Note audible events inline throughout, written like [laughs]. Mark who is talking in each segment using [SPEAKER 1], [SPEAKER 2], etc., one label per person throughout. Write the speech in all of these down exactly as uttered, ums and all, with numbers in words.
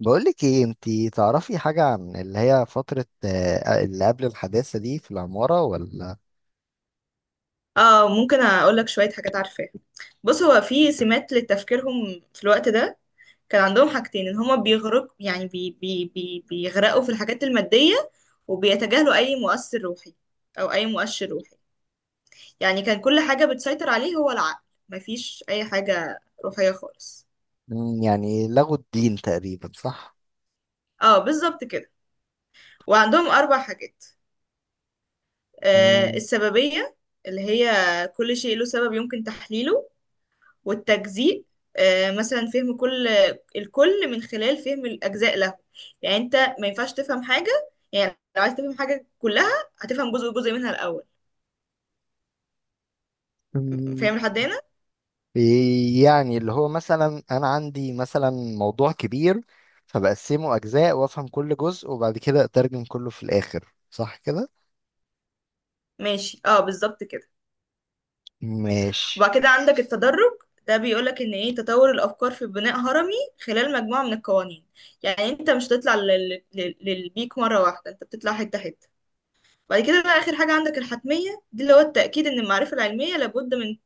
[SPEAKER 1] بقولك ايه، انتي تعرفي حاجة عن اللي هي فترة آه، اللي قبل الحداثة دي في العمارة ولا؟
[SPEAKER 2] اه، ممكن اقول لك شويه حاجات عارفاها. بص، هو في سمات لتفكيرهم في الوقت ده. كان عندهم حاجتين ان هما بيغرق يعني بي بي بي بيغرقوا في الحاجات الماديه، وبيتجاهلوا اي مؤثر روحي او اي مؤشر روحي. يعني كان كل حاجه بتسيطر عليه هو العقل، مفيش اي حاجه روحيه خالص.
[SPEAKER 1] مم، يعني لغوا الدين تقريبا، صح؟
[SPEAKER 2] اه، بالظبط كده. وعندهم اربع حاجات. آه
[SPEAKER 1] مم.
[SPEAKER 2] السببيه، اللي هي كل شيء له سبب يمكن تحليله. والتجزيء، آه، مثلا فهم كل الكل من خلال فهم الأجزاء له. يعني أنت ما ينفعش تفهم حاجة، يعني لو عايز تفهم حاجة كلها هتفهم جزء جزء منها الأول.
[SPEAKER 1] مم.
[SPEAKER 2] فاهم لحد هنا؟
[SPEAKER 1] إيه؟ يعني اللي هو مثلا انا عندي مثلا موضوع كبير، فبقسمه اجزاء وافهم كل جزء وبعد كده اترجم كله في الاخر، صح كده؟
[SPEAKER 2] ماشي، اه، بالظبط كده.
[SPEAKER 1] ماشي.
[SPEAKER 2] وبعد كده عندك التدرج. ده بيقولك ان ايه تطور الافكار في بناء هرمي خلال مجموعه من القوانين. يعني انت مش هتطلع لل... لل... للبيك مره واحده، انت بتطلع حته حته. بعد كده بقى اخر حاجه عندك الحتميه، دي اللي هو التاكيد ان المعرفه العلميه لابد من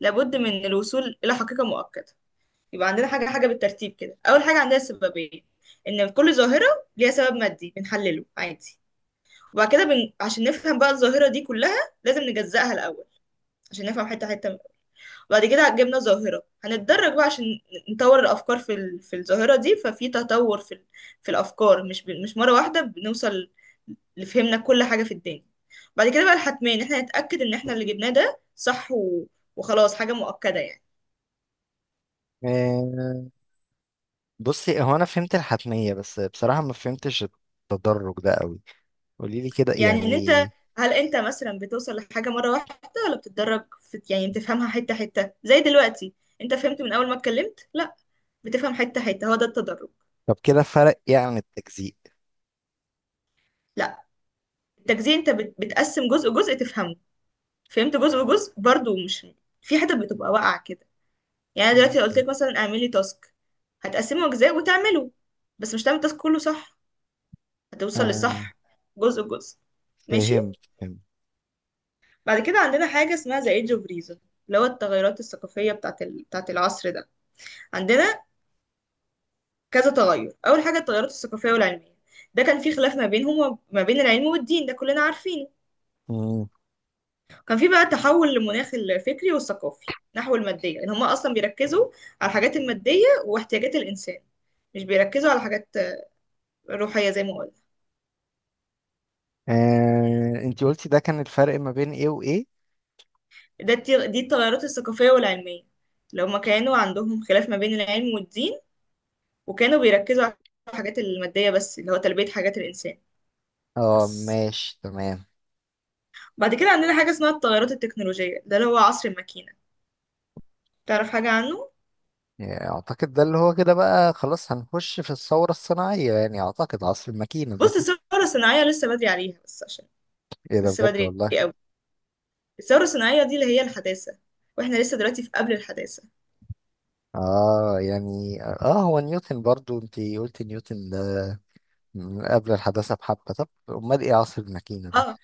[SPEAKER 2] لابد من الوصول الى حقيقه مؤكده. يبقى عندنا حاجة حاجة بالترتيب كده. أول حاجة عندنا السببية، إن كل ظاهرة ليها سبب مادي بنحلله عادي. وبعد كده بن... عشان نفهم بقى الظاهرة دي كلها لازم نجزأها الأول، عشان نفهم حتة حتة منها. وبعد كده جبنا ظاهرة، هنتدرج بقى عشان نطور الأفكار في ال... في الظاهرة دي، ففي تطور في ال... في الأفكار، مش ب... مش مرة واحدة بنوصل لفهمنا كل حاجة في الدنيا. بعد كده بقى الحتمين، إحنا نتأكد إن إحنا اللي جبناه ده صح و... وخلاص حاجة مؤكدة يعني.
[SPEAKER 1] آه. بصي، هو انا فهمت الحتمية بس بصراحة ما فهمتش التدرج ده قوي. قوليلي كده
[SPEAKER 2] يعني ان انت
[SPEAKER 1] يعني.
[SPEAKER 2] هل انت مثلا بتوصل لحاجه مره واحده، ولا بتتدرج في يعني بتفهمها حته حته؟ زي دلوقتي، انت فهمت من اول ما اتكلمت؟ لا، بتفهم حته حته، هو ده التدرج.
[SPEAKER 1] طب كده فرق ايه عن التجزيء؟
[SPEAKER 2] لا، التجزئه انت بت... بتقسم جزء جزء تفهمه. فهمت جزء جزء برضو، مش في حته بتبقى واقعه كده. يعني أنا دلوقتي لو قلت
[SPEAKER 1] مم.
[SPEAKER 2] لك مثلا اعملي تاسك، هتقسمه اجزاء وتعمله، بس مش هتعمل التاسك كله صح، هتوصل
[SPEAKER 1] آه،
[SPEAKER 2] للصح جزء جزء. ماشي.
[SPEAKER 1] فهمت، فهمت.
[SPEAKER 2] بعد كده عندنا حاجه اسمها ذا ايدج اوف ريزون، اللي هو التغيرات الثقافيه بتاعت ال... بتاعت العصر ده. عندنا كذا تغير. اول حاجه التغيرات الثقافيه والعلميه، ده كان في خلاف ما بينهم وما بين العلم والدين، ده كلنا عارفينه.
[SPEAKER 1] مم.
[SPEAKER 2] كان في بقى تحول لمناخ الفكري والثقافي نحو الماديه، ان هم اصلا بيركزوا على الحاجات الماديه واحتياجات الانسان، مش بيركزوا على حاجات روحيه زي ما قلنا.
[SPEAKER 1] آه، انتي قلتي ده كان الفرق ما بين ايه وايه؟
[SPEAKER 2] ده التي- دي التغيرات الثقافيه والعلميه، لو ما كانوا عندهم خلاف ما بين العلم والدين، وكانوا بيركزوا على الحاجات الماديه بس، اللي هو تلبيه حاجات الانسان
[SPEAKER 1] اه،
[SPEAKER 2] بس.
[SPEAKER 1] ماشي، تمام.
[SPEAKER 2] بعد كده عندنا حاجه اسمها التغيرات التكنولوجيه، ده اللي هو عصر الماكينه. تعرف حاجة عنه؟
[SPEAKER 1] يعني اعتقد ده اللي هو كده بقى خلاص هنخش في الثورة الصناعية، يعني اعتقد عصر الماكينة ده.
[SPEAKER 2] بص، الثورة الصناعية لسه بدري عليها، بس عشان
[SPEAKER 1] [laughs] ايه ده؟
[SPEAKER 2] لسه
[SPEAKER 1] بجد
[SPEAKER 2] بدري
[SPEAKER 1] والله.
[SPEAKER 2] قوي. الثورة الصناعية دي اللي هي الحداثة، واحنا لسه دلوقتي في قبل الحداثة.
[SPEAKER 1] اه، يعني اه هو نيوتن، برضو انتي قلتي نيوتن ده من قبل الحداثة بحبة. طب امال ايه عصر الماكينة ده؟
[SPEAKER 2] اه،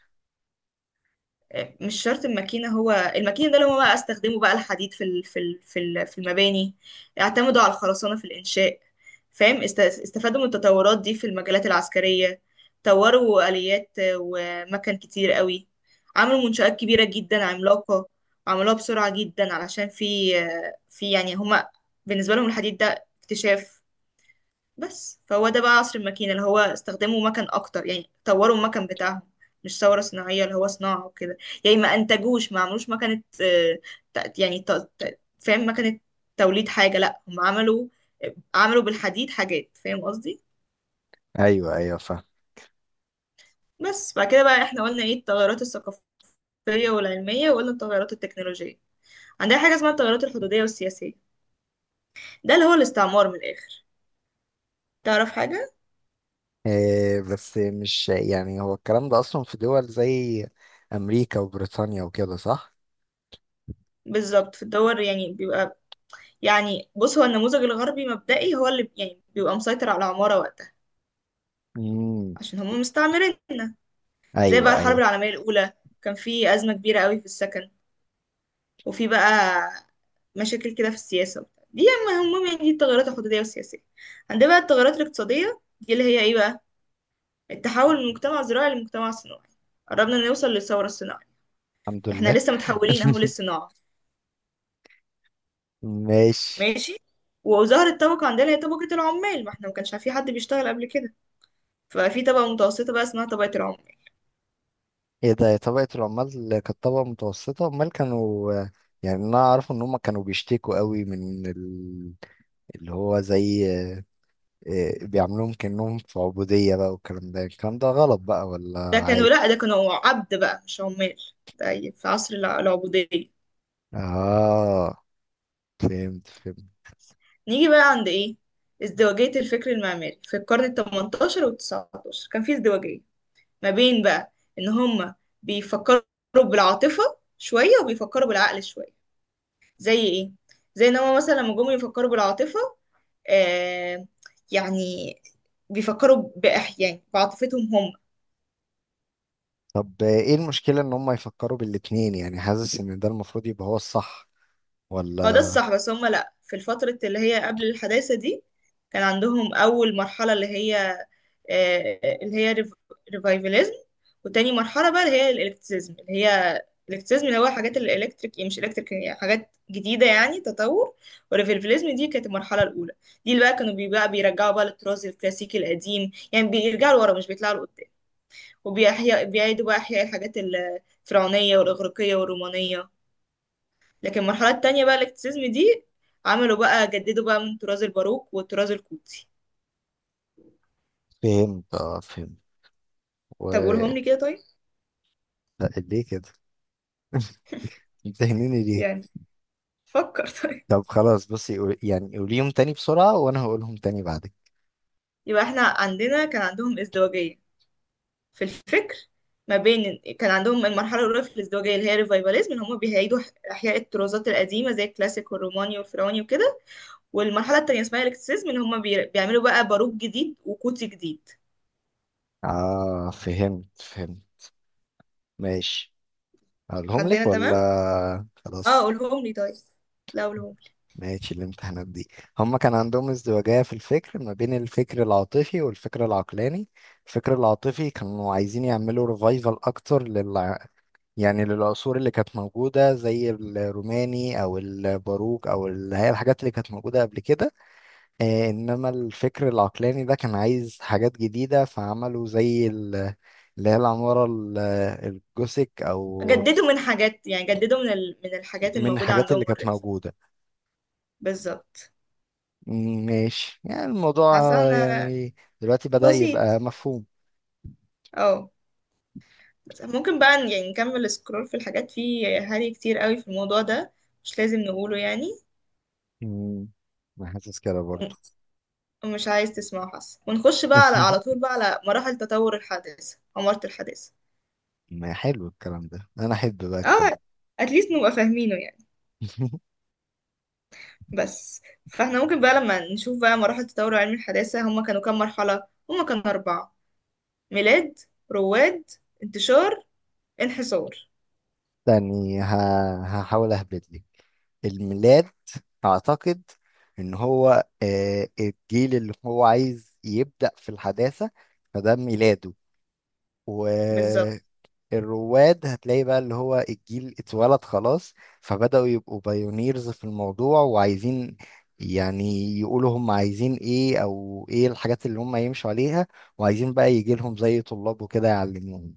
[SPEAKER 2] مش شرط الماكينة، هو الماكينة ده اللي هما بقى استخدموا بقى الحديد في ال- في ال- في ال- في المباني. اعتمدوا على الخرسانة في الإنشاء، فاهم؟ است- استفادوا من التطورات دي في المجالات العسكرية، طوروا آليات ومكن كتير قوي، عملوا منشآت كبيرة جدا عملاقة، عملوها بسرعة جدا. علشان في في يعني هما بالنسبة لهم الحديد ده اكتشاف بس. فهو ده بقى عصر الماكينة، اللي هو استخدموا مكن أكتر، يعني طوروا المكن بتاعهم، مش ثورة صناعية اللي هو صناعة وكده. يعني ما أنتجوش، ما عملوش مكنة آه، ت- يعني ت- ت- فاهم؟ مكنة توليد حاجة، لأ، هم عملوا، عملوا بالحديد حاجات، فاهم قصدي؟
[SPEAKER 1] ايوه، ايوه، فاهم.
[SPEAKER 2] بس بعد كده بقى احنا قلنا ايه، التغيرات الثقافية والعلمية، وقلنا التغيرات التكنولوجية. عندنا حاجة اسمها التغيرات الحدودية والسياسية، ده اللي هو الاستعمار من الآخر. تعرف حاجة؟
[SPEAKER 1] آه، بس مش يعني، هو الكلام ده أصلا في دول زي أمريكا وبريطانيا وكده، صح؟
[SPEAKER 2] بالظبط، في الدول يعني بيبقى، يعني بص، هو النموذج الغربي مبدئي هو اللي يعني بيبقى مسيطر على العمارة وقتها،
[SPEAKER 1] مم.
[SPEAKER 2] عشان هم مستعمريننا. زي بقى
[SPEAKER 1] أيوه،
[SPEAKER 2] الحرب
[SPEAKER 1] أيوه.
[SPEAKER 2] العالمية الأولى، كان في أزمة كبيرة قوي في السكن، وفي بقى مشاكل كده في السياسة وبتاع. دي، أما هم، يعني دي التغيرات الحدودية والسياسية. عندنا بقى التغيرات الاقتصادية، دي اللي هي إيه بقى، التحول من مجتمع زراعي لمجتمع صناعي. قربنا نوصل للثورة الصناعية،
[SPEAKER 1] الحمد
[SPEAKER 2] احنا
[SPEAKER 1] لله.
[SPEAKER 2] لسه متحولين أهو
[SPEAKER 1] [laughs]
[SPEAKER 2] للصناعة.
[SPEAKER 1] ماشي.
[SPEAKER 2] ماشي. وظهرت طبقة عندنا هي طبقة العمال، ما احنا ما كانش في حد بيشتغل قبل كده، ففي طبقة متوسطة بقى اسمها طبقة العمال.
[SPEAKER 1] ايه ده؟ طبقة العمال كانت طبقة متوسطة؟ امال كانوا، يعني انا اعرف ان هم كانوا بيشتكوا قوي من ال- اللي هو زي آه، آه، بيعملوهم كأنهم في عبودية بقى، والكلام ده الكلام ده غلط بقى ولا
[SPEAKER 2] ده كانوا
[SPEAKER 1] عادي؟
[SPEAKER 2] لأ، ده كانوا عبد بقى مش عمال، ده في عصر الع- العبودية.
[SPEAKER 1] اه، فهمت، فهمت.
[SPEAKER 2] نيجي بقى عند ايه، ازدواجية الفكر المعماري في القرن التمنتاشر والتسعتاشر. كان في ازدواجية ما بين بقى ان هما بيفكروا بالعاطفة شوية، وبيفكروا بالعقل شوية. زي ايه؟ زي ان هما مثلا لما جم يفكروا بالعاطفة آه يعني بيفكروا بأح يعني بعاطفتهم هم.
[SPEAKER 1] طب ايه المشكلة ان هم يفكروا بالاتنين؟ يعني حاسس ان ده المفروض يبقى هو الصح،
[SPEAKER 2] هو ده
[SPEAKER 1] ولا؟
[SPEAKER 2] الصح، بس هما لأ، في الفترة اللي هي قبل الحداثة دي كان عندهم أول مرحلة اللي هي آه، اللي هي ريف- ريفايفاليزم، وتاني مرحلة بقى اللي هي الإلكتريزم اللي هي الإلكتريزم، اللي هو حاجات الإلكتريك، مش إلكتريك، يعني حاجات جديدة، يعني تطور. والريفايفاليزم دي كانت المرحلة الأولى، دي اللي بقى كانوا بي- بقى بيرجعوا بقى للطراز الكلاسيكي القديم، يعني بيرجعوا لورا مش بيطلعوا لقدام، وبيحيا بيعيدوا بقى إحياء الحاجات الفرعونية والإغريقية والرومانية. لكن المرحلة التانية بقى الاكتسيزم دي، عملوا بقى جددوا بقى من طراز الباروك والطراز القوطي.
[SPEAKER 1] فهمت، اه، فهمت. و.
[SPEAKER 2] طب قولهم لي كده، طيب.
[SPEAKER 1] لا، ليه كده؟ [laughs] بتهنيني ليه؟
[SPEAKER 2] يعني فكر. [laughs] طيب،
[SPEAKER 1] طب خلاص، بصي، قول- يعني قوليهم تاني بسرعة وانا هقولهم تاني بعدك.
[SPEAKER 2] يبقى احنا عندنا كان عندهم ازدواجية في الفكر، ما بين كان عندهم المرحلة الأولى في الازدواجية اللي هي الريفايفاليزم، اللي هم بيعيدوا ح- إحياء الطرازات القديمة زي الكلاسيك والروماني والفرعوني وكده، والمرحلة التانية اسمها الاكتسيزم، اللي هم بي- بيعملوا بقى باروك جديد وقوطي جديد.
[SPEAKER 1] اه، فهمت، فهمت. ماشي. هقولهم
[SPEAKER 2] لحد هنا
[SPEAKER 1] لك
[SPEAKER 2] تمام؟
[SPEAKER 1] ولا
[SPEAKER 2] اه،
[SPEAKER 1] خلاص؟
[SPEAKER 2] قولهم لي طيب. لا، قولهم.
[SPEAKER 1] ماشي. الامتحانات دي، هما كان عندهم ازدواجية في الفكر ما بين الفكر العاطفي والفكر العقلاني. الفكر العاطفي كانوا عايزين يعملوا ريفايفل اكتر لل يعني للعصور اللي كانت موجودة زي الروماني أو الباروك أو ال- هي الحاجات اللي كانت موجودة قبل كده. آه، إنما الفكر العقلاني ده كان عايز حاجات جديدة، فعملوا زي ال- اللي هي العمارة ال- الجوثيك أو،
[SPEAKER 2] جددوا من حاجات، يعني جددوا من ال... من الحاجات
[SPEAKER 1] من
[SPEAKER 2] الموجودة
[SPEAKER 1] الحاجات
[SPEAKER 2] عندهم
[SPEAKER 1] اللي كانت
[SPEAKER 2] اوريدي.
[SPEAKER 1] موجودة.
[SPEAKER 2] بالظبط.
[SPEAKER 1] م- ماشي، يعني الموضوع،
[SPEAKER 2] حاسة
[SPEAKER 1] آه،
[SPEAKER 2] انا.
[SPEAKER 1] يعني دلوقتي بدأ
[SPEAKER 2] بسيط.
[SPEAKER 1] يبقى مفهوم.
[SPEAKER 2] اه، بس ممكن بقى ن- يعني نكمل سكرول في الحاجات، في هري كتير قوي في الموضوع ده، مش لازم نقوله يعني،
[SPEAKER 1] م. أنا حاسس كده برضو.
[SPEAKER 2] ومش عايز تسمعه، حاسة. ونخش بقى على على طول
[SPEAKER 1] [laughs]
[SPEAKER 2] بقى على مراحل تطور الحادثة عمارة الحادثة.
[SPEAKER 1] ما حلو الكلام ده، أنا أحب بقى
[SPEAKER 2] اه،
[SPEAKER 1] الكلام
[SPEAKER 2] اتليست نبقى فاهمينه يعني.
[SPEAKER 1] ده. [laughs]
[SPEAKER 2] بس، فاحنا ممكن بقى لما نشوف بقى مراحل تطور علم الحداثة، هما كانوا كام مرحلة؟ هما كانوا أربعة: ميلاد، رواد، انتشار، انحسار.
[SPEAKER 1] يعني ه- هحاول اهبط لك الميلاد. اعتقد ان هو آه، الجيل اللي هو عايز يبدأ في الحداثة، فده ميلاده.
[SPEAKER 2] بالظبط،
[SPEAKER 1] والرواد هتلاقي بقى اللي هو الجيل اتولد خلاص، فبدأوا يبقوا بايونيرز في الموضوع، وعايزين، يعني، يقولوا هم عايزين ايه او ايه الحاجات اللي هم يمشوا عليها، وعايزين بقى يجي لهم زي طلاب وكده يعلموهم.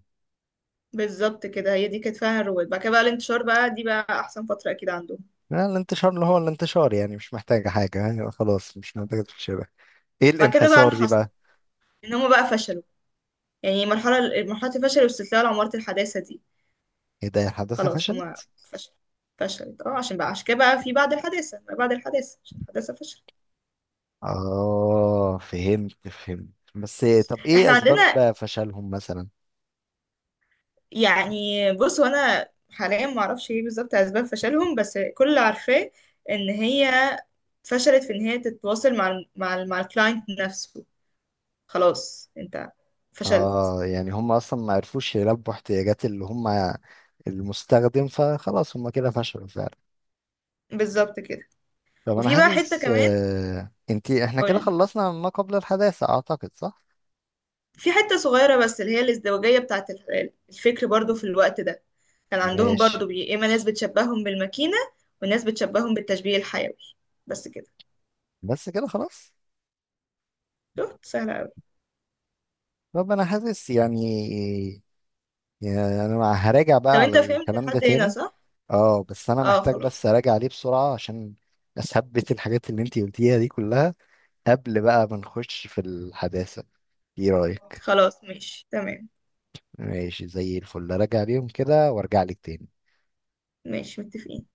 [SPEAKER 2] بالظبط كده، هي دي كانت فيها الرواد. بعد كده بقى الانتشار بقى، دي بقى احسن فتره اكيد عندهم.
[SPEAKER 1] لا، الانتشار اللي هو الانتشار، يعني مش محتاجة حاجة، يعني خلاص مش محتاجة تشبه. ايه
[SPEAKER 2] بعد كده بقى
[SPEAKER 1] الانحسار دي
[SPEAKER 2] انحصروا،
[SPEAKER 1] بقى؟
[SPEAKER 2] ان هم بقى فشلوا، يعني مرحله مرحله الفشل واستسلام لعماره الحداثه دي.
[SPEAKER 1] ايه ده؟ الحداثة
[SPEAKER 2] خلاص، هم
[SPEAKER 1] فشلت؟
[SPEAKER 2] فشل، فشلت. اه، عشان بقى عشان كده بقى في بعد الحداثه ما بعد الحداثه، عشان الحداثه فشل.
[SPEAKER 1] اه، فهمت، فهمت. بس طب ايه
[SPEAKER 2] احنا
[SPEAKER 1] اسباب
[SPEAKER 2] عندنا،
[SPEAKER 1] فشلهم مثلا؟
[SPEAKER 2] يعني بص، وانا حاليا ما اعرفش ايه بالظبط اسباب فشلهم، بس كل اللي عارفاه ان هي فشلت في ان هي تتواصل مع ال مع ال مع الكلاينت نفسه. خلاص انت فشلت.
[SPEAKER 1] اه، يعني هم اصلا ما عرفوش يلبوا احتياجات اللي هم المستخدم، فخلاص هم كده فشلوا فعلا.
[SPEAKER 2] بالظبط كده.
[SPEAKER 1] طب انا
[SPEAKER 2] وفي بقى حتة
[SPEAKER 1] حاسس،
[SPEAKER 2] كمان.
[SPEAKER 1] آه انتي احنا كده
[SPEAKER 2] قولي.
[SPEAKER 1] خلصنا ما قبل الحداثة، اعتقد، صح؟
[SPEAKER 2] في حتة صغيرة بس، اللي هي الازدواجية بتاعة ال- الفكر برضو في الوقت ده. كان عندهم
[SPEAKER 1] ماشي.
[SPEAKER 2] برضو بي... إما ناس بتشبههم بالماكينة، وناس بتشبههم بالتشبيه الحيوي، بس كده.
[SPEAKER 1] بس كده خلاص.
[SPEAKER 2] شفت؟ سهلة أوي.
[SPEAKER 1] طب انا حاسس يعني، يعني انا هراجع
[SPEAKER 2] طب
[SPEAKER 1] بقى على
[SPEAKER 2] انت فهمت
[SPEAKER 1] الكلام ده
[SPEAKER 2] لحد هنا،
[SPEAKER 1] تاني.
[SPEAKER 2] صح؟
[SPEAKER 1] اه، بس انا
[SPEAKER 2] اه،
[SPEAKER 1] محتاج
[SPEAKER 2] خلاص،
[SPEAKER 1] بس اراجع عليه بسرعة عشان اثبت الحاجات اللي انتي قلتيها دي كلها قبل بقى ما نخش في الحداثة، ايه رأيك؟
[SPEAKER 2] خلاص ماشي تمام.
[SPEAKER 1] ماشي، زي الفل، اراجع عليهم كده وارجع لك تاني.
[SPEAKER 2] ماشي، متفقين.